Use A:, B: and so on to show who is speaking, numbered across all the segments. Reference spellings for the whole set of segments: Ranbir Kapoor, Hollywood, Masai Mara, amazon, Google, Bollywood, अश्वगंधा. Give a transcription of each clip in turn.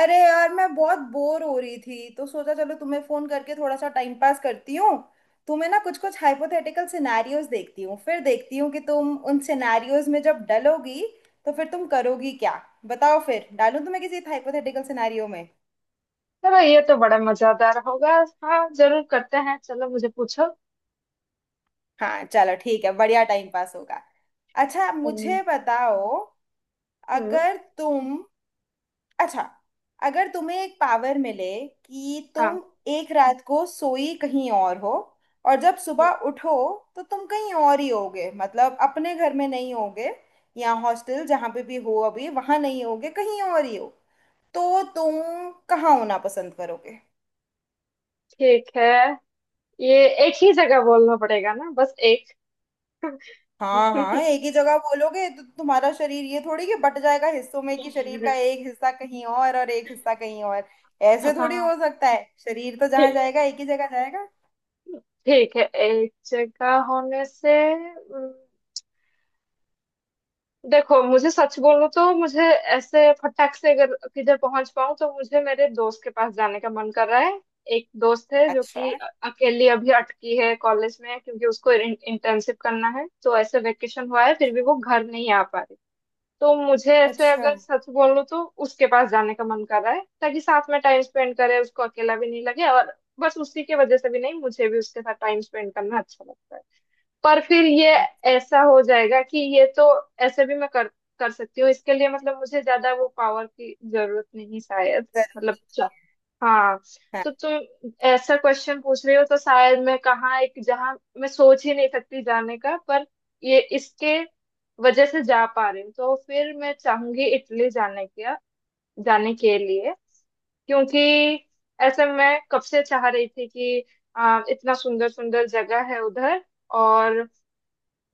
A: अरे यार, मैं बहुत बोर हो रही थी तो सोचा चलो तुम्हें फोन करके थोड़ा सा टाइम पास करती हूँ। तुम्हें ना कुछ कुछ हाइपोथेटिकल सिनेरियोज देखती हूँ, फिर देखती हूँ कि तुम उन सिनेरियोज में जब डलोगी तो फिर तुम करोगी क्या। बताओ, फिर डालूं तुम्हें किसी हाइपोथेटिकल सिनेरियो में।
B: चलो, ये तो बड़ा मजेदार होगा। हाँ, जरूर करते हैं। चलो मुझे पूछो।
A: हाँ चलो ठीक है, बढ़िया टाइम पास होगा। अच्छा,
B: हम्म।
A: मुझे बताओ।
B: हम्म,
A: अगर तुम अच्छा, अगर तुम्हें एक पावर मिले कि तुम
B: हाँ
A: एक रात को सोई कहीं और हो, और जब सुबह उठो तो तुम कहीं और ही होगे, मतलब अपने घर में नहीं होगे या हॉस्टल जहाँ पे भी हो अभी वहाँ नहीं होगे, कहीं और ही हो। तो तुम कहाँ होना पसंद करोगे?
B: ठीक है। ये एक ही जगह बोलना पड़ेगा ना, बस एक।
A: हाँ हाँ, एक ही जगह बोलोगे तो तुम्हारा शरीर ये थोड़ी कि बट जाएगा हिस्सों में, कि शरीर का एक हिस्सा कहीं और एक हिस्सा कहीं और। ऐसे थोड़ी
B: हाँ,
A: हो सकता है, शरीर तो जहाँ
B: ठीक
A: जाएगा एक ही जगह जाएगा।
B: ठीक है एक जगह होने से। देखो, मुझे सच बोलूं तो मुझे ऐसे फटाक से अगर किधर पहुंच पाऊं, तो मुझे मेरे दोस्त के पास जाने का मन कर रहा है। एक दोस्त है जो
A: अच्छा।
B: कि अकेली अभी अटकी है कॉलेज में, क्योंकि उसको इंटर्नशिप करना है। तो ऐसे वेकेशन हुआ है, फिर भी वो घर नहीं आ पा रही। तो मुझे ऐसे,
A: अच्छा।
B: अगर सच बोलूं, तो उसके पास जाने का मन कर रहा है, ताकि साथ में टाइम स्पेंड करे, उसको अकेला भी नहीं लगे। और बस उसी की वजह से भी नहीं, मुझे भी उसके साथ टाइम स्पेंड करना अच्छा लगता है। पर फिर ये
A: अच्छा
B: ऐसा हो जाएगा कि ये तो ऐसे भी मैं कर कर सकती हूँ इसके लिए। मतलब मुझे ज्यादा वो पावर की जरूरत नहीं शायद। मतलब चा- हाँ,
A: था।
B: तो तुम ऐसा क्वेश्चन पूछ रही हो, तो शायद मैं कहाँ एक जहाँ मैं सोच ही नहीं सकती जाने का, पर ये इसके वजह से जा पा रही हूँ। तो फिर मैं चाहूंगी इटली जाने के लिए, क्योंकि ऐसे मैं कब से चाह रही थी कि इतना सुंदर सुंदर जगह है उधर। और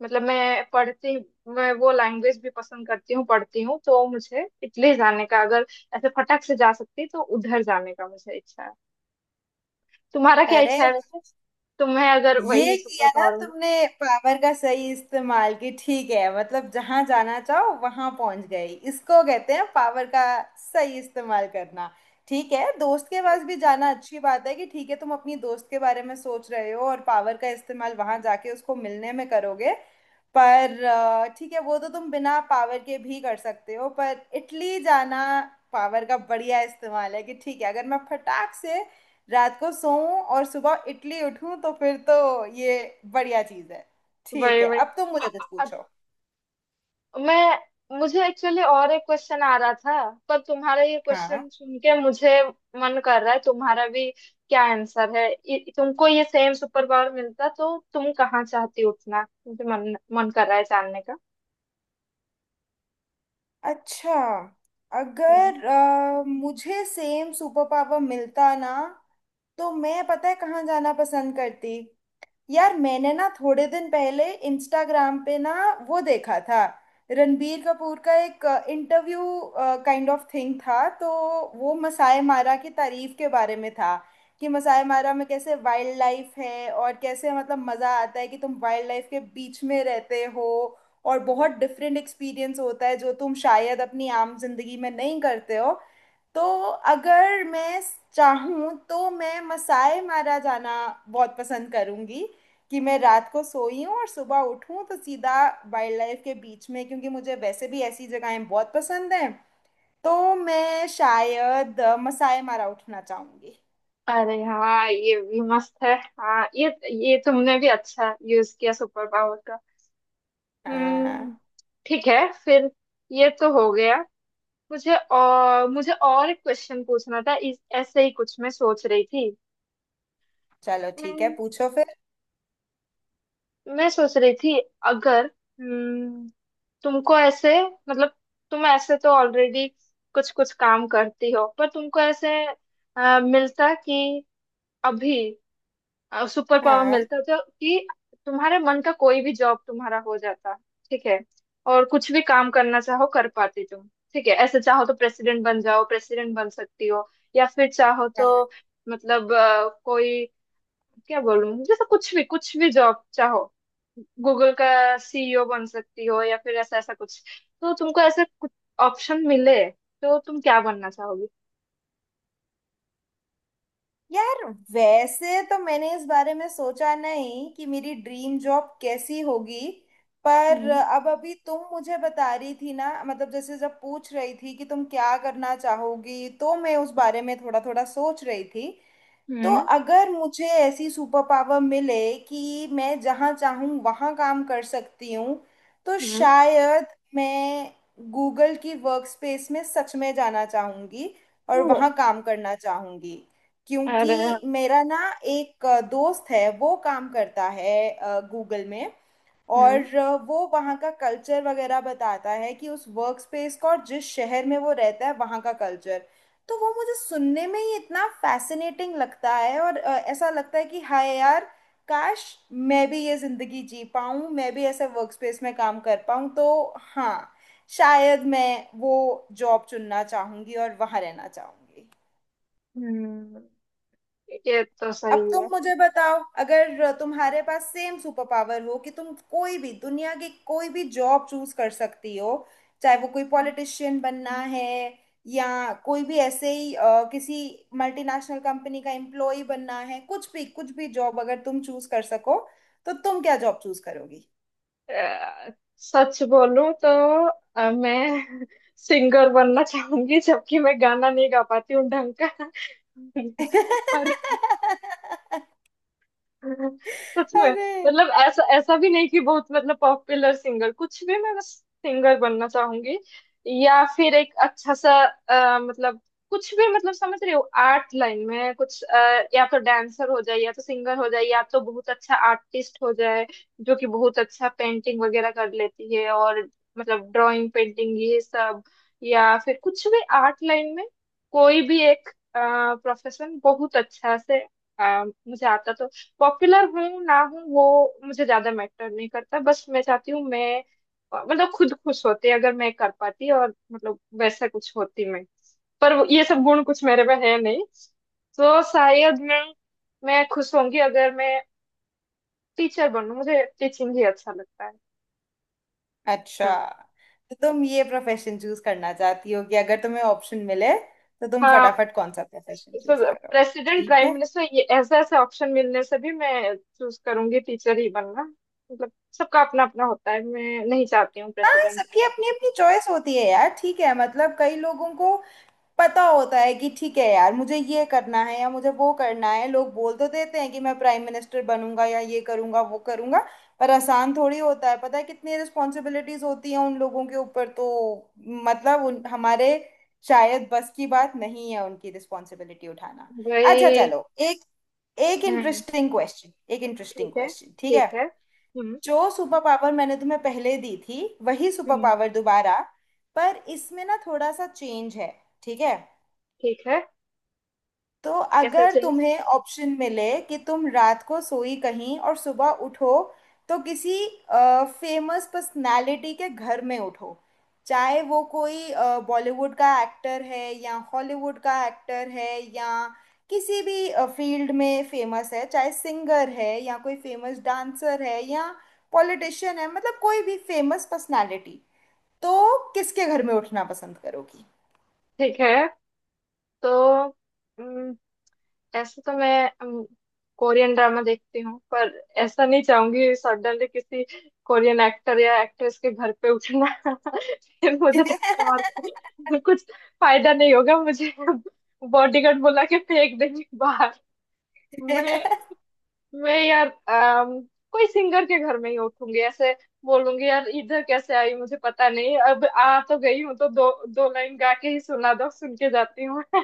B: मतलब मैं पढ़ती हूँ, मैं वो लैंग्वेज भी पसंद करती हूँ, पढ़ती हूँ। तो मुझे इटली जाने का, अगर ऐसे फटक से जा सकती, तो उधर जाने का मुझे इच्छा है। तुम्हारा क्या
A: अरे
B: इच्छा है वैसे? तुम्हें अगर वही
A: ये
B: सुपर
A: किया ना
B: पावर।
A: तुमने, पावर का सही इस्तेमाल की। ठीक है, मतलब जहां जाना चाहो वहां पहुंच गई। इसको कहते हैं पावर का सही इस्तेमाल करना। ठीक है, दोस्त के पास भी जाना अच्छी बात है कि ठीक है तुम अपनी दोस्त के बारे में सोच रहे हो और पावर का इस्तेमाल वहां जाके उसको मिलने में करोगे। पर ठीक है, वो तो तुम बिना पावर के भी कर सकते हो, पर इटली जाना पावर का बढ़िया इस्तेमाल है। कि ठीक है, अगर मैं फटाक से रात को सोऊं और सुबह इडली उठूं तो फिर तो ये बढ़िया चीज है। ठीक
B: वही
A: है,
B: वही
A: अब तुम मुझे कुछ पूछो।
B: मैं, मुझे एक्चुअली और एक क्वेश्चन आ रहा था, पर तुम्हारा ये
A: हाँ।
B: क्वेश्चन सुन के मुझे मन कर रहा है तुम्हारा भी क्या आंसर है। तुमको ये सेम सुपर पावर मिलता तो तुम कहाँ चाहती उठना, मुझे मन मन कर रहा है जानने का।
A: अच्छा,
B: हम्म।
A: अगर मुझे सेम सुपर पावर मिलता ना तो मैं, पता है कहाँ जाना पसंद करती? यार, मैंने ना थोड़े दिन पहले इंस्टाग्राम पे ना वो देखा था, रणबीर कपूर का एक इंटरव्यू काइंड ऑफ थिंग था। तो वो मसाई मारा की तारीफ के बारे में था कि मसाई मारा में कैसे वाइल्ड लाइफ है और कैसे, मतलब मज़ा आता है कि तुम वाइल्ड लाइफ के बीच में रहते हो और बहुत डिफरेंट एक्सपीरियंस होता है जो तुम शायद अपनी आम जिंदगी में नहीं करते हो। तो अगर मैं चाहूँ तो मैं मसाई मारा जाना बहुत पसंद करूँगी, कि मैं रात को सोई हूँ और सुबह उठूँ तो सीधा वाइल्ड लाइफ के बीच में, क्योंकि मुझे वैसे भी ऐसी जगहें बहुत पसंद हैं। तो मैं शायद मसाई मारा उठना चाहूँगी।
B: अरे हाँ, ये भी मस्त है। हाँ, ये तुमने भी अच्छा यूज किया सुपर पावर का।
A: हाँ
B: हम्म। ठीक है फिर। ये तो हो गया। मुझे और एक क्वेश्चन पूछना था, इस ऐसे ही कुछ मैं सोच रही थी।
A: चलो ठीक है,
B: हम्म,
A: पूछो फिर।
B: मैं सोच रही थी। अगर, हम्म, तुमको ऐसे, मतलब तुम ऐसे तो ऑलरेडी कुछ कुछ काम करती हो, पर तुमको ऐसे मिलता कि अभी सुपर पावर
A: हाँ।
B: मिलता है जो कि तुम्हारे मन का कोई भी जॉब तुम्हारा हो जाता। ठीक है। और कुछ भी काम करना चाहो कर पाते तुम। ठीक है। ऐसे चाहो तो प्रेसिडेंट बन जाओ, प्रेसिडेंट बन सकती हो। या फिर चाहो
A: हाँ।
B: तो, मतलब कोई, क्या बोलूं, जैसे कुछ भी जॉब चाहो, गूगल का सीईओ बन सकती हो, या फिर ऐसा ऐसा कुछ। तो तुमको ऐसे कुछ ऑप्शन मिले तो तुम क्या बनना चाहोगी?
A: यार, वैसे तो मैंने इस बारे में सोचा नहीं कि मेरी ड्रीम जॉब कैसी होगी, पर
B: हम्म।
A: अब अभी तुम मुझे बता रही थी ना, मतलब जैसे जब पूछ रही थी कि तुम क्या करना चाहोगी तो मैं उस बारे में थोड़ा थोड़ा सोच रही थी। तो
B: हम्म।
A: अगर मुझे ऐसी सुपर पावर मिले कि मैं जहाँ चाहूँ वहाँ काम कर सकती हूँ तो
B: हम्म।
A: शायद मैं गूगल की वर्क स्पेस में सच में जाना चाहूँगी और
B: ओ।
A: वहाँ काम करना चाहूँगी।
B: अरे।
A: क्योंकि मेरा ना एक दोस्त है, वो काम करता है गूगल में।
B: हम्म।
A: और वो वहाँ का कल्चर वगैरह बताता है कि उस वर्क स्पेस का, और जिस शहर में वो रहता है वहाँ का कल्चर। तो वो मुझे सुनने में ही इतना फैसिनेटिंग लगता है और ऐसा लगता है कि हाय यार, काश मैं भी ये ज़िंदगी जी पाऊँ, मैं भी ऐसे वर्क स्पेस में काम कर पाऊँ। तो हाँ, शायद मैं वो जॉब चुनना चाहूँगी और वहाँ रहना चाहूँगी।
B: हम्म। ये तो
A: अब
B: सही
A: तुम
B: है।
A: मुझे बताओ, अगर तुम्हारे पास सेम सुपर पावर हो कि तुम कोई भी दुनिया की कोई भी जॉब चूज कर सकती हो, चाहे वो कोई पॉलिटिशियन बनना है या कोई भी ऐसे ही किसी मल्टीनेशनल कंपनी का एम्प्लॉय बनना है, कुछ भी जॉब अगर तुम चूज कर सको, तो तुम क्या जॉब चूज करोगी?
B: अ, सच बोलूं तो, मैं सिंगर बनना चाहूंगी, जबकि मैं गाना नहीं गा पाती हूँ ढंग का। पर कुछ में
A: अरे।
B: मतलब ऐसा ऐसा भी नहीं कि बहुत, मतलब पॉपुलर सिंगर कुछ भी, मैं बस सिंगर बनना चाहूंगी। या फिर एक अच्छा सा मतलब कुछ भी, मतलब समझ रहे हो, आर्ट लाइन में कुछ, या तो डांसर हो जाए, या तो सिंगर हो जाए, या तो बहुत अच्छा आर्टिस्ट हो जाए, जो कि बहुत अच्छा पेंटिंग वगैरह कर लेती है। और मतलब ड्राइंग पेंटिंग ये सब। या फिर कुछ भी आर्ट लाइन में कोई भी एक प्रोफेशन बहुत अच्छा से मुझे आता तो। पॉपुलर हूँ ना हूँ वो, मुझे ज्यादा मैटर नहीं करता, बस मैं चाहती हूँ मैं, मतलब खुद खुश होती अगर मैं कर पाती, और मतलब वैसा कुछ होती मैं। पर ये सब गुण कुछ मेरे में है नहीं। तो शायद मैं खुश होंगी अगर मैं टीचर बनूं। मुझे टीचिंग ही अच्छा लगता है।
A: अच्छा,
B: हम्म।
A: तो तुम ये प्रोफेशन चूज करना चाहती हो कि अगर तुम्हें ऑप्शन मिले तो तुम
B: हाँ,
A: फटाफट कौन सा प्रोफेशन
B: तो
A: चूज करो।
B: प्रेसिडेंट
A: ठीक
B: प्राइम
A: है।
B: मिनिस्टर ये ऐसे ऐसे ऑप्शन मिलने से भी मैं चूज करूंगी टीचर ही बनना। मतलब सबका अपना अपना होता है, मैं नहीं चाहती हूँ
A: हाँ,
B: प्रेसिडेंट।
A: सबकी अपनी अपनी चॉइस होती है यार। ठीक है, मतलब कई लोगों को पता होता है कि ठीक है यार मुझे ये करना है या मुझे वो करना है। लोग बोल तो देते हैं कि मैं प्राइम मिनिस्टर बनूंगा या ये करूंगा वो करूंगा, पर आसान थोड़ी होता है। पता है कितनी रिस्पॉन्सिबिलिटीज होती हैं उन लोगों के ऊपर। तो मतलब उन, हमारे शायद बस की बात नहीं है उनकी रिस्पॉन्सिबिलिटी उठाना। अच्छा
B: भाई।
A: चलो, एक एक
B: हम्म।
A: इंटरेस्टिंग क्वेश्चन, एक इंटरेस्टिंग
B: ठीक है।
A: क्वेश्चन, ठीक है?
B: ठीक है। हम्म।
A: जो सुपर पावर मैंने तुम्हें पहले दी थी, वही सुपर
B: हम्म।
A: पावर दोबारा, पर इसमें ना थोड़ा सा चेंज है, ठीक है?
B: ठीक है।
A: तो
B: कैसा
A: अगर
B: चीज?
A: तुम्हें ऑप्शन मिले कि तुम रात को सोई कहीं और सुबह उठो तो किसी फेमस पर्सनालिटी के घर में उठो। चाहे वो कोई बॉलीवुड का एक्टर है या हॉलीवुड का एक्टर है, या किसी भी फील्ड में फेमस है, चाहे सिंगर है या कोई फेमस डांसर है या पॉलिटिशियन है, मतलब कोई भी फेमस पर्सनालिटी। तो किसके घर में उठना पसंद करोगी?
B: ठीक है, तो, हम्म, ऐसे तो मैं, हम्म, कोरियन ड्रामा देखती हूँ, पर ऐसा नहीं चाहूंगी सडनली किसी कोरियन एक्टर या एक्ट्रेस के घर पे उठना। फिर मुझे धक्का मार के कुछ फायदा नहीं होगा मुझे, बॉडीगार्ड बुला के फेंक देंगे बाहर। मैं मैं यार, कोई सिंगर के घर में ही उठूंगी। ऐसे बोलूंगी यार इधर कैसे आई मुझे पता नहीं, अब आ तो गई हूँ तो दो दो लाइन गा के ही सुना दो, सुन के जाती हूँ।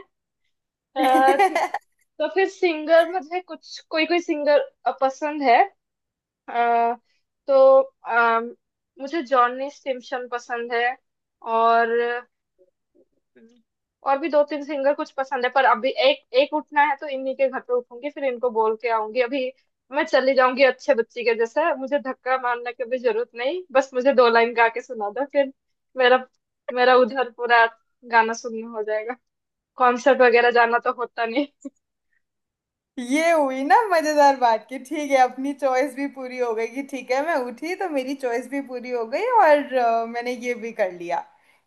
B: ठीक। तो फिर सिंगर, मुझे कुछ कोई कोई सिंगर पसंद है, अ, तो मुझे जॉनी स्टिमशन पसंद है। और हम्म। और भी दो तीन सिंगर कुछ पसंद है, पर अभी एक एक उठना है तो इन्हीं के घर पे उठूंगी, फिर इनको बोल के आऊंगी, अभी मैं चली जाऊंगी अच्छे बच्ची के जैसे। मुझे धक्का मारने की भी जरूरत नहीं, बस मुझे दो लाइन गा के सुना दो, फिर मेरा मेरा उधर पूरा गाना सुनना हो जाएगा। कॉन्सर्ट वगैरह जाना तो होता नहीं।
A: ये हुई ना मजेदार बात, कि ठीक है अपनी चॉइस भी पूरी हो गई कि ठीक है मैं उठी तो मेरी चॉइस भी पूरी हो गई, और मैंने ये भी कर लिया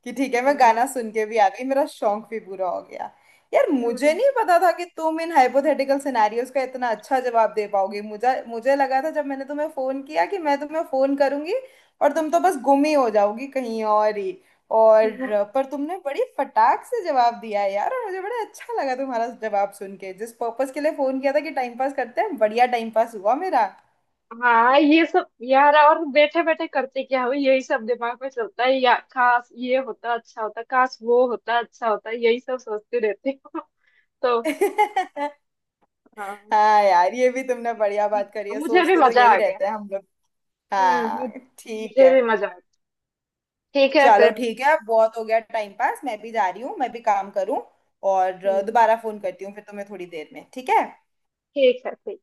A: कि ठीक है मैं गाना
B: हाँ।
A: सुन के भी आ गई, मेरा शौक भी पूरा हो गया। यार, मुझे
B: हम्म।
A: नहीं पता था कि तुम इन हाइपोथेटिकल सिनेरियोज का इतना अच्छा जवाब दे पाओगी। मुझे मुझे लगा था जब मैंने तुम्हें फोन किया कि मैं तुम्हें फोन करूंगी और तुम तो बस गुम ही हो जाओगी कहीं और ही। और पर तुमने बड़ी फटाक से जवाब दिया है यार, और मुझे बड़ा अच्छा लगा तुम्हारा जवाब सुन के। जिस पर्पस के लिए फोन किया था कि टाइम पास करते हैं, बढ़िया टाइम पास हुआ मेरा।
B: हाँ, ये सब यार, और बैठे बैठे करते क्या हो, यही सब दिमाग में चलता है, या काश ये होता अच्छा होता, काश वो होता अच्छा होता, यही सब सोचती रहती हूँ तो। हाँ।
A: हाँ यार, ये भी तुमने बढ़िया बात करी है,
B: मुझे भी
A: सोचते तो
B: मजा
A: यही
B: आ गया।
A: रहते हैं हम लोग।
B: हम्म।
A: हाँ। ठीक
B: मुझे
A: है,
B: भी मजा आ गया। ठीक है
A: चलो
B: फिर।
A: ठीक है, अब बहुत हो गया टाइम पास। मैं भी जा रही हूँ, मैं भी काम करूँ। और
B: हम्म,
A: दोबारा फोन करती हूँ फिर तुम्हें थोड़ी देर में, ठीक है?
B: ठीक है, ठीक।